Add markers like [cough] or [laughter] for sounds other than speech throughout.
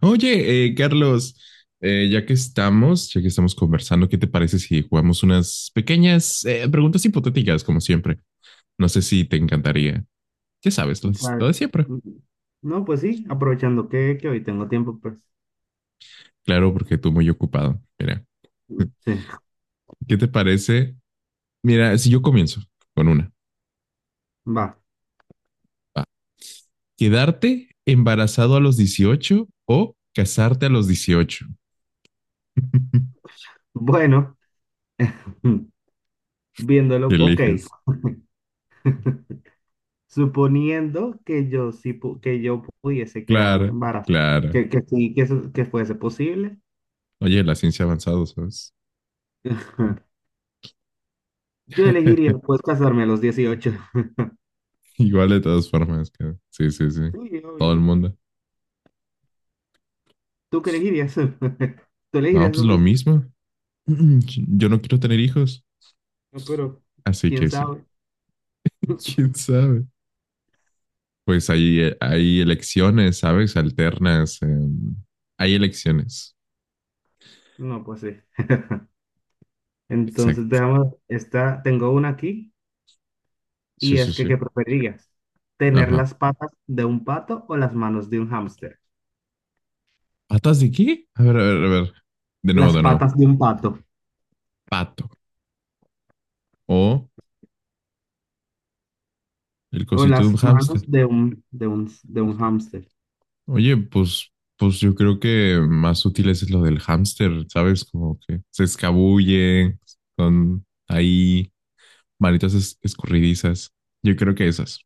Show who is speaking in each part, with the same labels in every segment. Speaker 1: Oye, Carlos, ya que estamos conversando, ¿qué te parece si jugamos unas pequeñas preguntas hipotéticas, como siempre? No sé si te encantaría. Ya sabes,
Speaker 2: O
Speaker 1: lo
Speaker 2: sea,
Speaker 1: de siempre.
Speaker 2: mm, no, pues sí, aprovechando que hoy tengo tiempo, pues
Speaker 1: Claro, porque tú muy ocupado. Mira, [laughs]
Speaker 2: sí,
Speaker 1: ¿qué te parece? Mira, si yo comienzo con una.
Speaker 2: va.
Speaker 1: Va. ¿Quedarte embarazado a los 18 o casarte a los 18? [laughs]
Speaker 2: Bueno, [laughs]
Speaker 1: ¿Qué
Speaker 2: viéndolo, ok.
Speaker 1: eliges?
Speaker 2: Suponiendo que yo que yo pudiese quedarme
Speaker 1: Claro,
Speaker 2: embarazada,
Speaker 1: claro.
Speaker 2: que sí, que fuese posible,
Speaker 1: Oye, la ciencia ha avanzado, ¿sabes?
Speaker 2: [laughs] yo elegiría
Speaker 1: [laughs]
Speaker 2: pues casarme a los 18.
Speaker 1: Igual de todas formas, sí, sí, sí.
Speaker 2: Sí,
Speaker 1: Todo el
Speaker 2: obvio.
Speaker 1: mundo.
Speaker 2: ¿Tú qué elegirías? [laughs] ¿Tú
Speaker 1: No,
Speaker 2: elegirías lo
Speaker 1: pues lo
Speaker 2: mismo?
Speaker 1: mismo. [clears throat] Yo no quiero tener hijos,
Speaker 2: No, pero
Speaker 1: así
Speaker 2: quién
Speaker 1: que sí.
Speaker 2: sabe.
Speaker 1: [laughs]
Speaker 2: [laughs]
Speaker 1: ¿Quién sabe? Pues hay elecciones, ¿sabes? Alternas. Hay elecciones.
Speaker 2: No, pues sí. Entonces,
Speaker 1: Exacto.
Speaker 2: dejamos esta, tengo una aquí.
Speaker 1: Sí,
Speaker 2: Y
Speaker 1: sí,
Speaker 2: es que, ¿qué
Speaker 1: sí.
Speaker 2: preferirías? ¿Tener
Speaker 1: Ajá.
Speaker 2: las patas de un pato o las manos de un hámster?
Speaker 1: ¿Patas de qué? A ver, a ver, a ver. De nuevo,
Speaker 2: Las
Speaker 1: de nuevo.
Speaker 2: patas de un pato
Speaker 1: Pato. O el
Speaker 2: o
Speaker 1: cosito de un
Speaker 2: las
Speaker 1: hámster.
Speaker 2: manos de un, de un hámster.
Speaker 1: Oye, pues yo creo que más útil es lo del hámster, ¿sabes? Como que se escabulle, son ahí manitas escurridizas. Yo creo que esas.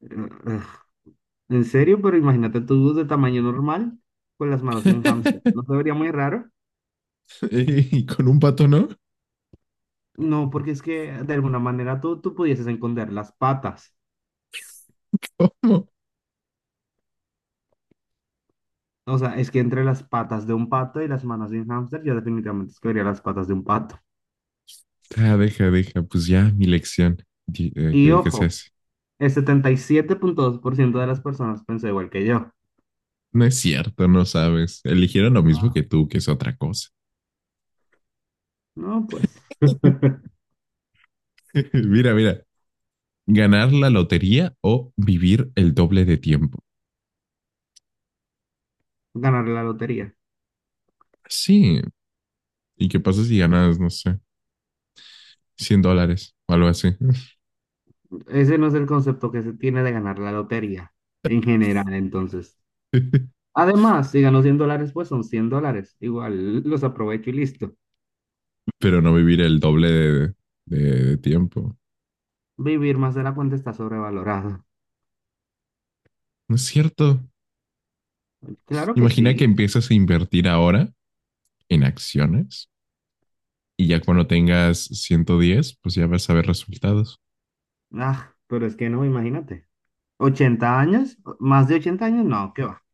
Speaker 2: Ugh. ¿En serio? Pero imagínate tú de tamaño normal con las manos de un hámster. ¿No te
Speaker 1: [laughs]
Speaker 2: vería muy raro?
Speaker 1: Y con un pato, ¿no?
Speaker 2: No, porque es que de alguna manera tú pudieses esconder las patas.
Speaker 1: ¿Cómo?
Speaker 2: O sea, es que entre las patas de un pato y las manos de un hámster, yo definitivamente escogería las patas de un pato.
Speaker 1: Ah, deja, deja, pues ya mi lección.
Speaker 2: Y
Speaker 1: ¿Qué se
Speaker 2: ojo,
Speaker 1: hace?
Speaker 2: el 77,2% de las personas pensó igual que yo.
Speaker 1: No es cierto, no sabes. Eligieron lo mismo
Speaker 2: Ah,
Speaker 1: que tú, que es otra cosa.
Speaker 2: no, pues [laughs]
Speaker 1: [laughs] Mira, mira, ganar la lotería o vivir el doble de tiempo.
Speaker 2: ganar la lotería.
Speaker 1: Sí. ¿Y qué pasa si ganas, no sé? $100 o algo así.
Speaker 2: Ese no es el concepto que se tiene de ganar la lotería en general, entonces.
Speaker 1: [laughs]
Speaker 2: Además, si gano $100, pues son $100. Igual los aprovecho y listo.
Speaker 1: Pero no vivir el doble de tiempo.
Speaker 2: Vivir más de la cuenta está sobrevalorado.
Speaker 1: No es cierto.
Speaker 2: Claro que
Speaker 1: Imagina que
Speaker 2: sí.
Speaker 1: empiezas a invertir ahora en acciones y ya cuando tengas 110 pues ya vas a ver resultados.
Speaker 2: Ah, pero es que no, imagínate. ¿80 años? ¿Más de 80 años? No, ¿qué va?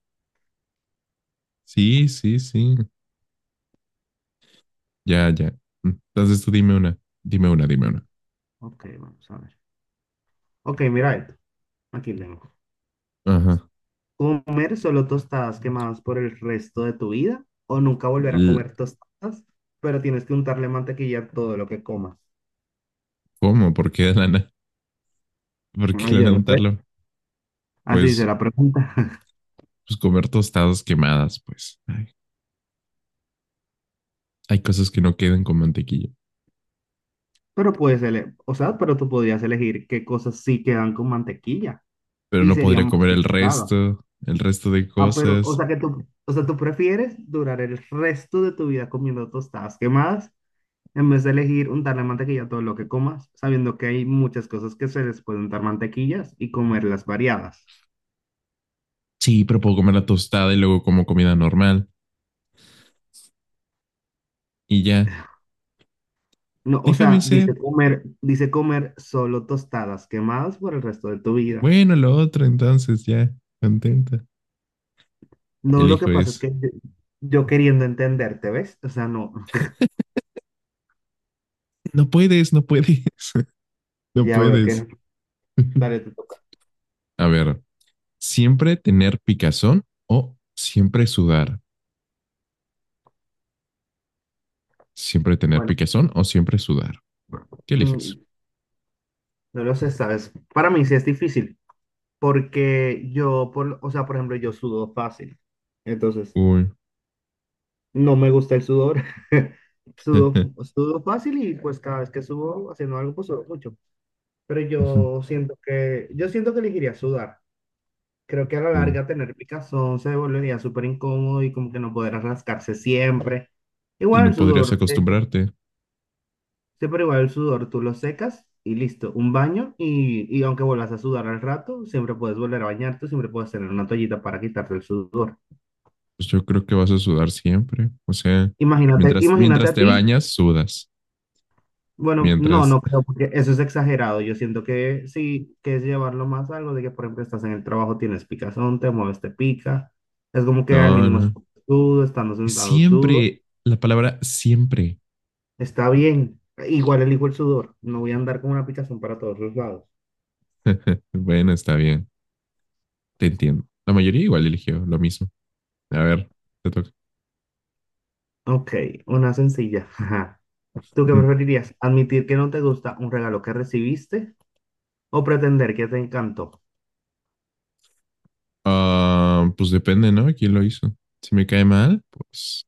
Speaker 1: Sí, sí, sí. Ya, ya. Entonces tú dime una, dime una, dime una.
Speaker 2: Ok, vamos a ver. Ok, mira esto. Aquí tengo.
Speaker 1: Ajá.
Speaker 2: ¿Comer solo tostadas quemadas por el resto de tu vida? ¿O nunca volver a comer tostadas, pero tienes que untarle mantequilla a todo lo que comas?
Speaker 1: ¿Cómo? ¿Por qué lana? ¿Por qué
Speaker 2: Ah, yo
Speaker 1: lana
Speaker 2: no
Speaker 1: untarlo?
Speaker 2: sé. Así se
Speaker 1: Pues,
Speaker 2: la pregunta. [laughs]
Speaker 1: pues comer tostadas quemadas, pues. Ay, hay cosas que no quedan con mantequilla.
Speaker 2: Pero o sea, pero tú podrías elegir qué cosas sí quedan con mantequilla
Speaker 1: Pero
Speaker 2: y
Speaker 1: no
Speaker 2: serían
Speaker 1: podría
Speaker 2: más
Speaker 1: comer
Speaker 2: que tostadas.
Speaker 1: el resto de
Speaker 2: Ah, pero, o
Speaker 1: cosas.
Speaker 2: sea que tú, o sea, tú prefieres durar el resto de tu vida comiendo tostadas quemadas en vez de elegir untarle mantequilla a todo lo que comas, sabiendo que hay muchas cosas que se les puede untar mantequillas y comerlas variadas.
Speaker 1: Sí, pero puedo comer la tostada y luego como comida normal. Y ya,
Speaker 2: No, o
Speaker 1: déjame
Speaker 2: sea,
Speaker 1: ser.
Speaker 2: dice comer solo tostadas quemadas por el resto de tu vida.
Speaker 1: Bueno, lo otro entonces, ya, contenta.
Speaker 2: No,
Speaker 1: El
Speaker 2: lo que
Speaker 1: hijo
Speaker 2: pasa es
Speaker 1: es,
Speaker 2: que yo queriendo entenderte, ¿ves? O sea, no,
Speaker 1: no puedes, no puedes, [laughs] no
Speaker 2: ya veo que
Speaker 1: puedes.
Speaker 2: no.
Speaker 1: [laughs]
Speaker 2: Dale, te toca.
Speaker 1: A ver, siempre tener picazón o siempre sudar. Siempre tener
Speaker 2: Bueno,
Speaker 1: picazón o siempre sudar. ¿Qué
Speaker 2: mm,
Speaker 1: eliges?
Speaker 2: no lo sé, ¿sabes? Para mí sí es difícil, porque o sea, por ejemplo, yo sudo fácil. Entonces,
Speaker 1: Uy.
Speaker 2: no me gusta el sudor. [laughs] Sudo,
Speaker 1: [laughs]
Speaker 2: sudo fácil y pues cada vez que subo haciendo algo, pues sudo mucho. Pero yo siento que elegiría sudar. Creo que a la
Speaker 1: Uy.
Speaker 2: larga tener picazón se volvería súper incómodo y como que no podrás rascarse siempre.
Speaker 1: Y
Speaker 2: Igual
Speaker 1: no
Speaker 2: el
Speaker 1: podrías
Speaker 2: sudor, eh,
Speaker 1: acostumbrarte.
Speaker 2: Siempre igual el sudor, tú lo secas y listo, un baño y aunque vuelvas a sudar al rato, siempre puedes volver a bañarte, siempre puedes tener una toallita para quitarte el sudor.
Speaker 1: Pues yo creo que vas a sudar siempre. O sea,
Speaker 2: Imagínate, imagínate
Speaker 1: mientras
Speaker 2: a
Speaker 1: te
Speaker 2: ti,
Speaker 1: bañas, sudas.
Speaker 2: bueno, no,
Speaker 1: Mientras.
Speaker 2: no creo,
Speaker 1: [laughs]
Speaker 2: porque eso es exagerado. Yo siento que sí, que es llevarlo más a algo de que, por ejemplo, estás en el trabajo, tienes picazón, te mueves, te pica. Es como que al
Speaker 1: No,
Speaker 2: mínimo es
Speaker 1: no.
Speaker 2: sudo, estando sentado sudo.
Speaker 1: Siempre. La palabra siempre.
Speaker 2: Está bien. Igual elijo el sudor. No voy a andar con una picazón para todos los lados.
Speaker 1: [laughs] Bueno, está bien. Te entiendo. La mayoría igual eligió lo mismo. A ver, te toca.
Speaker 2: Ok, una sencilla. [laughs] Ajá. ¿Tú qué
Speaker 1: Mm.
Speaker 2: preferirías? ¿Admitir que no te gusta un regalo que recibiste o pretender que te encantó?
Speaker 1: Ah, pues depende, ¿no? ¿Quién lo hizo? Si me cae mal, pues.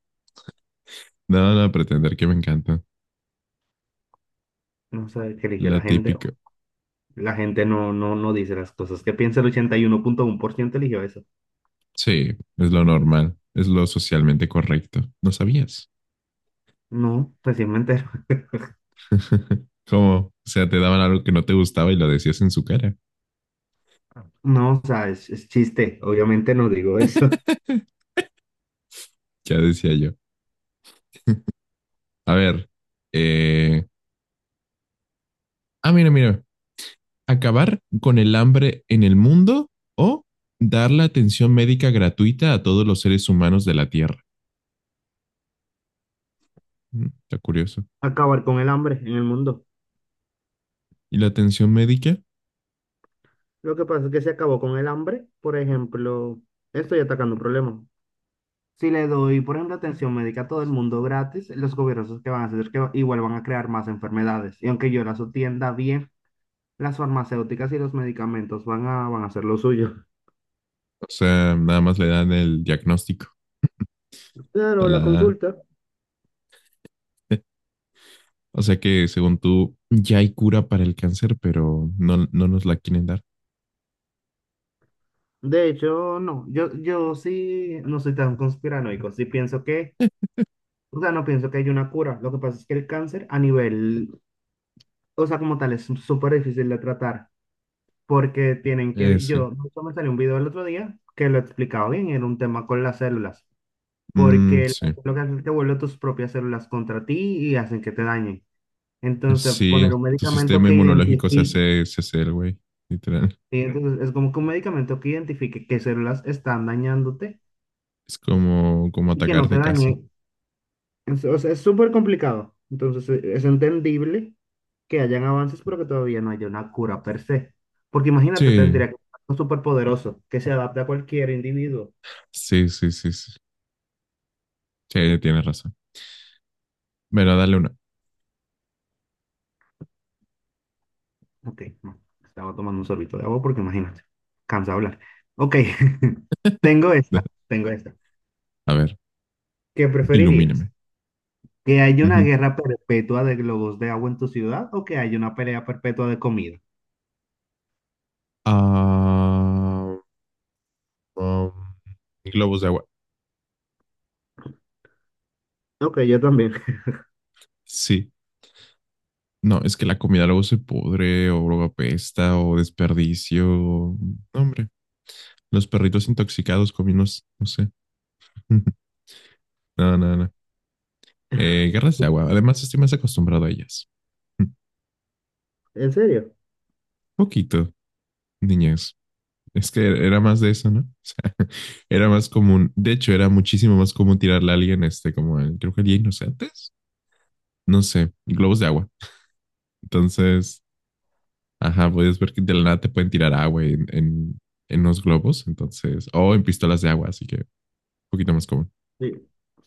Speaker 1: No, no, pretender que me encanta.
Speaker 2: No sé qué eligió
Speaker 1: La
Speaker 2: la gente.
Speaker 1: típica.
Speaker 2: La gente no dice las cosas que piensa. El 81,1% eligió eso.
Speaker 1: Sí, es lo normal. Es lo socialmente correcto. ¿No sabías?
Speaker 2: No, recién me entero. [laughs]
Speaker 1: [laughs] ¿Cómo? O sea, te daban algo que no te gustaba y lo decías en su cara.
Speaker 2: No, o sea, es chiste. Obviamente no digo eso.
Speaker 1: [laughs] Ya decía yo. A ver. eh, Ah, mira, mira. Acabar con el hambre en el mundo o dar la atención médica gratuita a todos los seres humanos de la Tierra. Mm, está curioso.
Speaker 2: [laughs] Acabar con el hambre en el mundo.
Speaker 1: ¿Y la atención médica?
Speaker 2: Lo que pasa es que se acabó con el hambre. Por ejemplo, estoy atacando un problema. Si le doy, por ejemplo, atención médica a todo el mundo gratis, los gobiernos que van a hacer es que igual van a crear más enfermedades. Y aunque yo las atienda bien, las farmacéuticas y los medicamentos van a hacer lo suyo.
Speaker 1: O sea, nada más le dan el diagnóstico. a
Speaker 2: Claro, la
Speaker 1: la-
Speaker 2: consulta.
Speaker 1: [laughs] O sea que según tú, ya hay cura para el cáncer, pero no, no nos la quieren dar.
Speaker 2: De hecho, no, yo sí no soy tan conspiranoico, sí pienso que, o sea, no pienso que haya una cura. Lo que pasa es que el cáncer a nivel, o sea, como tal, es súper difícil de tratar porque tienen que,
Speaker 1: Ese.
Speaker 2: yo, de hecho, me salió un video el otro día que lo explicaba bien, era un tema con las células.
Speaker 1: Mm,
Speaker 2: Porque las
Speaker 1: sí.
Speaker 2: células te vuelven tus propias células contra ti y hacen que te dañen. Entonces,
Speaker 1: Sí,
Speaker 2: poner un
Speaker 1: tu
Speaker 2: medicamento
Speaker 1: sistema
Speaker 2: que
Speaker 1: inmunológico
Speaker 2: identifique,
Speaker 1: se hace el güey, literal.
Speaker 2: y entonces es como que un medicamento que identifique qué células están dañándote
Speaker 1: Es como
Speaker 2: y que no te
Speaker 1: atacarte casi.
Speaker 2: dañen. O sea, es súper complicado. Entonces, es entendible que hayan avances, pero que todavía no haya una cura per se. Porque imagínate,
Speaker 1: Sí,
Speaker 2: tendría que ser algo súper poderoso que se adapte a cualquier individuo.
Speaker 1: sí, sí, sí, sí. Sí, tienes razón. Bueno, dale una.
Speaker 2: Ok, no, estaba tomando un sorbito de agua porque imagínate, cansa hablar. Ok, [laughs] tengo esta,
Speaker 1: [laughs]
Speaker 2: tengo esta.
Speaker 1: A ver,
Speaker 2: ¿Qué preferirías?
Speaker 1: ilumíname.
Speaker 2: ¿Que haya una
Speaker 1: Ujú.
Speaker 2: guerra perpetua de globos de agua en tu ciudad o que haya una pelea perpetua de comida?
Speaker 1: Ah, um, globos de agua.
Speaker 2: Ok, yo también.
Speaker 1: Sí. No, es que la comida luego se pudre o luego apesta o desperdicio. No, hombre, los perritos intoxicados cominos, no sé. [laughs] No, no, no. Guerras de agua.
Speaker 2: [laughs]
Speaker 1: Además, estoy más acostumbrado a ellas.
Speaker 2: ¿En serio?
Speaker 1: Poquito, niñez. Es que era más de eso, ¿no? O sea, [laughs] era más común. De hecho, era muchísimo más común tirarle a alguien, este, como el, creo que el Día Inocentes. No sé, globos de agua. Entonces, ajá, puedes ver que de la nada te pueden tirar agua en los globos. Entonces, o en pistolas de agua, así que un poquito más común.
Speaker 2: Sí.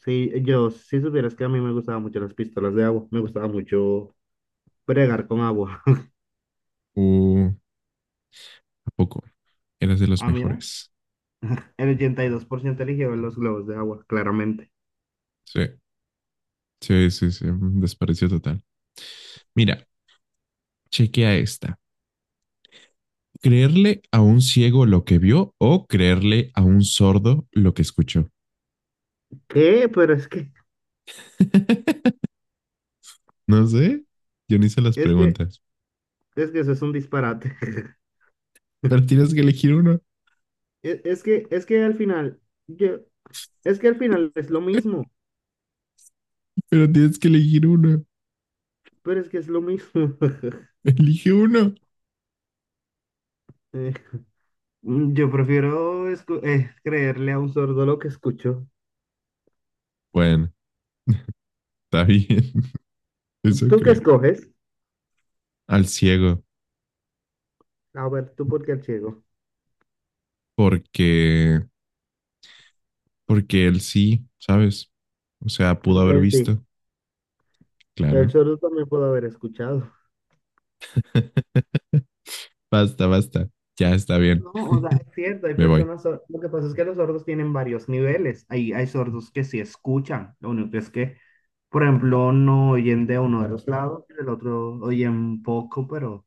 Speaker 2: Sí, yo, si supieras que a mí me gustaban mucho las pistolas de agua, me gustaba mucho bregar con agua. [laughs]
Speaker 1: Uh, ¿A poco? Eras de los
Speaker 2: Ah, mira,
Speaker 1: mejores.
Speaker 2: el 82% eligió los globos de agua, claramente.
Speaker 1: Sí, sí, sí, sí. Un desprecio total. Mira, chequea esta. Creerle a un ciego lo que vio o creerle a un sordo lo que escuchó.
Speaker 2: ¿Qué? Pero
Speaker 1: [laughs] No sé, yo no hice las
Speaker 2: es que,
Speaker 1: preguntas,
Speaker 2: es que eso es un disparate. [laughs]
Speaker 1: pero tienes que elegir uno,
Speaker 2: Es que al final, yo, es que al final es lo mismo,
Speaker 1: pero tienes que elegir uno,
Speaker 2: pero es que es lo mismo. [laughs]
Speaker 1: elige uno.
Speaker 2: Eh, yo prefiero creerle a un sordo lo que escucho.
Speaker 1: Bueno, está bien, [laughs] eso
Speaker 2: ¿Tú qué
Speaker 1: creo.
Speaker 2: escoges?
Speaker 1: Al ciego,
Speaker 2: A ver, tú porque el ciego.
Speaker 1: porque, porque él sí, ¿sabes? O sea, pudo haber
Speaker 2: Él sí,
Speaker 1: visto,
Speaker 2: el
Speaker 1: claro.
Speaker 2: sordo también puede haber escuchado.
Speaker 1: [laughs] Basta, basta, ya está bien,
Speaker 2: No, o sea, es cierto, hay
Speaker 1: me voy.
Speaker 2: personas, lo que pasa es que los sordos tienen varios niveles. Hay sordos que sí escuchan, lo único es que, por ejemplo, no oyen de uno de los lados, del otro oyen poco,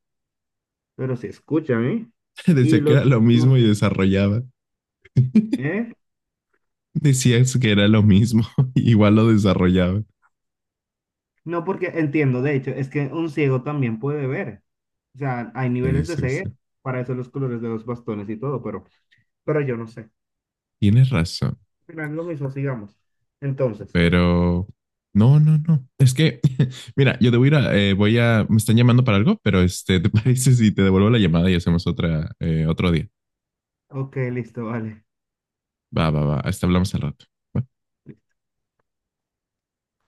Speaker 2: pero sí, escúchame.
Speaker 1: [laughs]
Speaker 2: Y
Speaker 1: Decía que era
Speaker 2: los...
Speaker 1: lo mismo y desarrollaba. [laughs]
Speaker 2: ¿eh?
Speaker 1: Decías que era lo mismo, [laughs] igual lo desarrollaban.
Speaker 2: No, porque entiendo, de hecho, es que un ciego también puede ver. O sea, hay
Speaker 1: Sí,
Speaker 2: niveles de
Speaker 1: sí,
Speaker 2: ceguera,
Speaker 1: sí.
Speaker 2: para eso los colores de los bastones y todo, pero, yo no sé. Al
Speaker 1: Tienes razón,
Speaker 2: final, lo mismo, sigamos. Entonces,
Speaker 1: pero no, no, no. Es que, [laughs] mira, yo debo ir a, voy a, me están llamando para algo, pero este, [laughs] ¿te parece si te devuelvo la llamada y hacemos otra, otro día?
Speaker 2: ok, listo, vale.
Speaker 1: Va, va, va. Hasta hablamos al rato. ¿Va?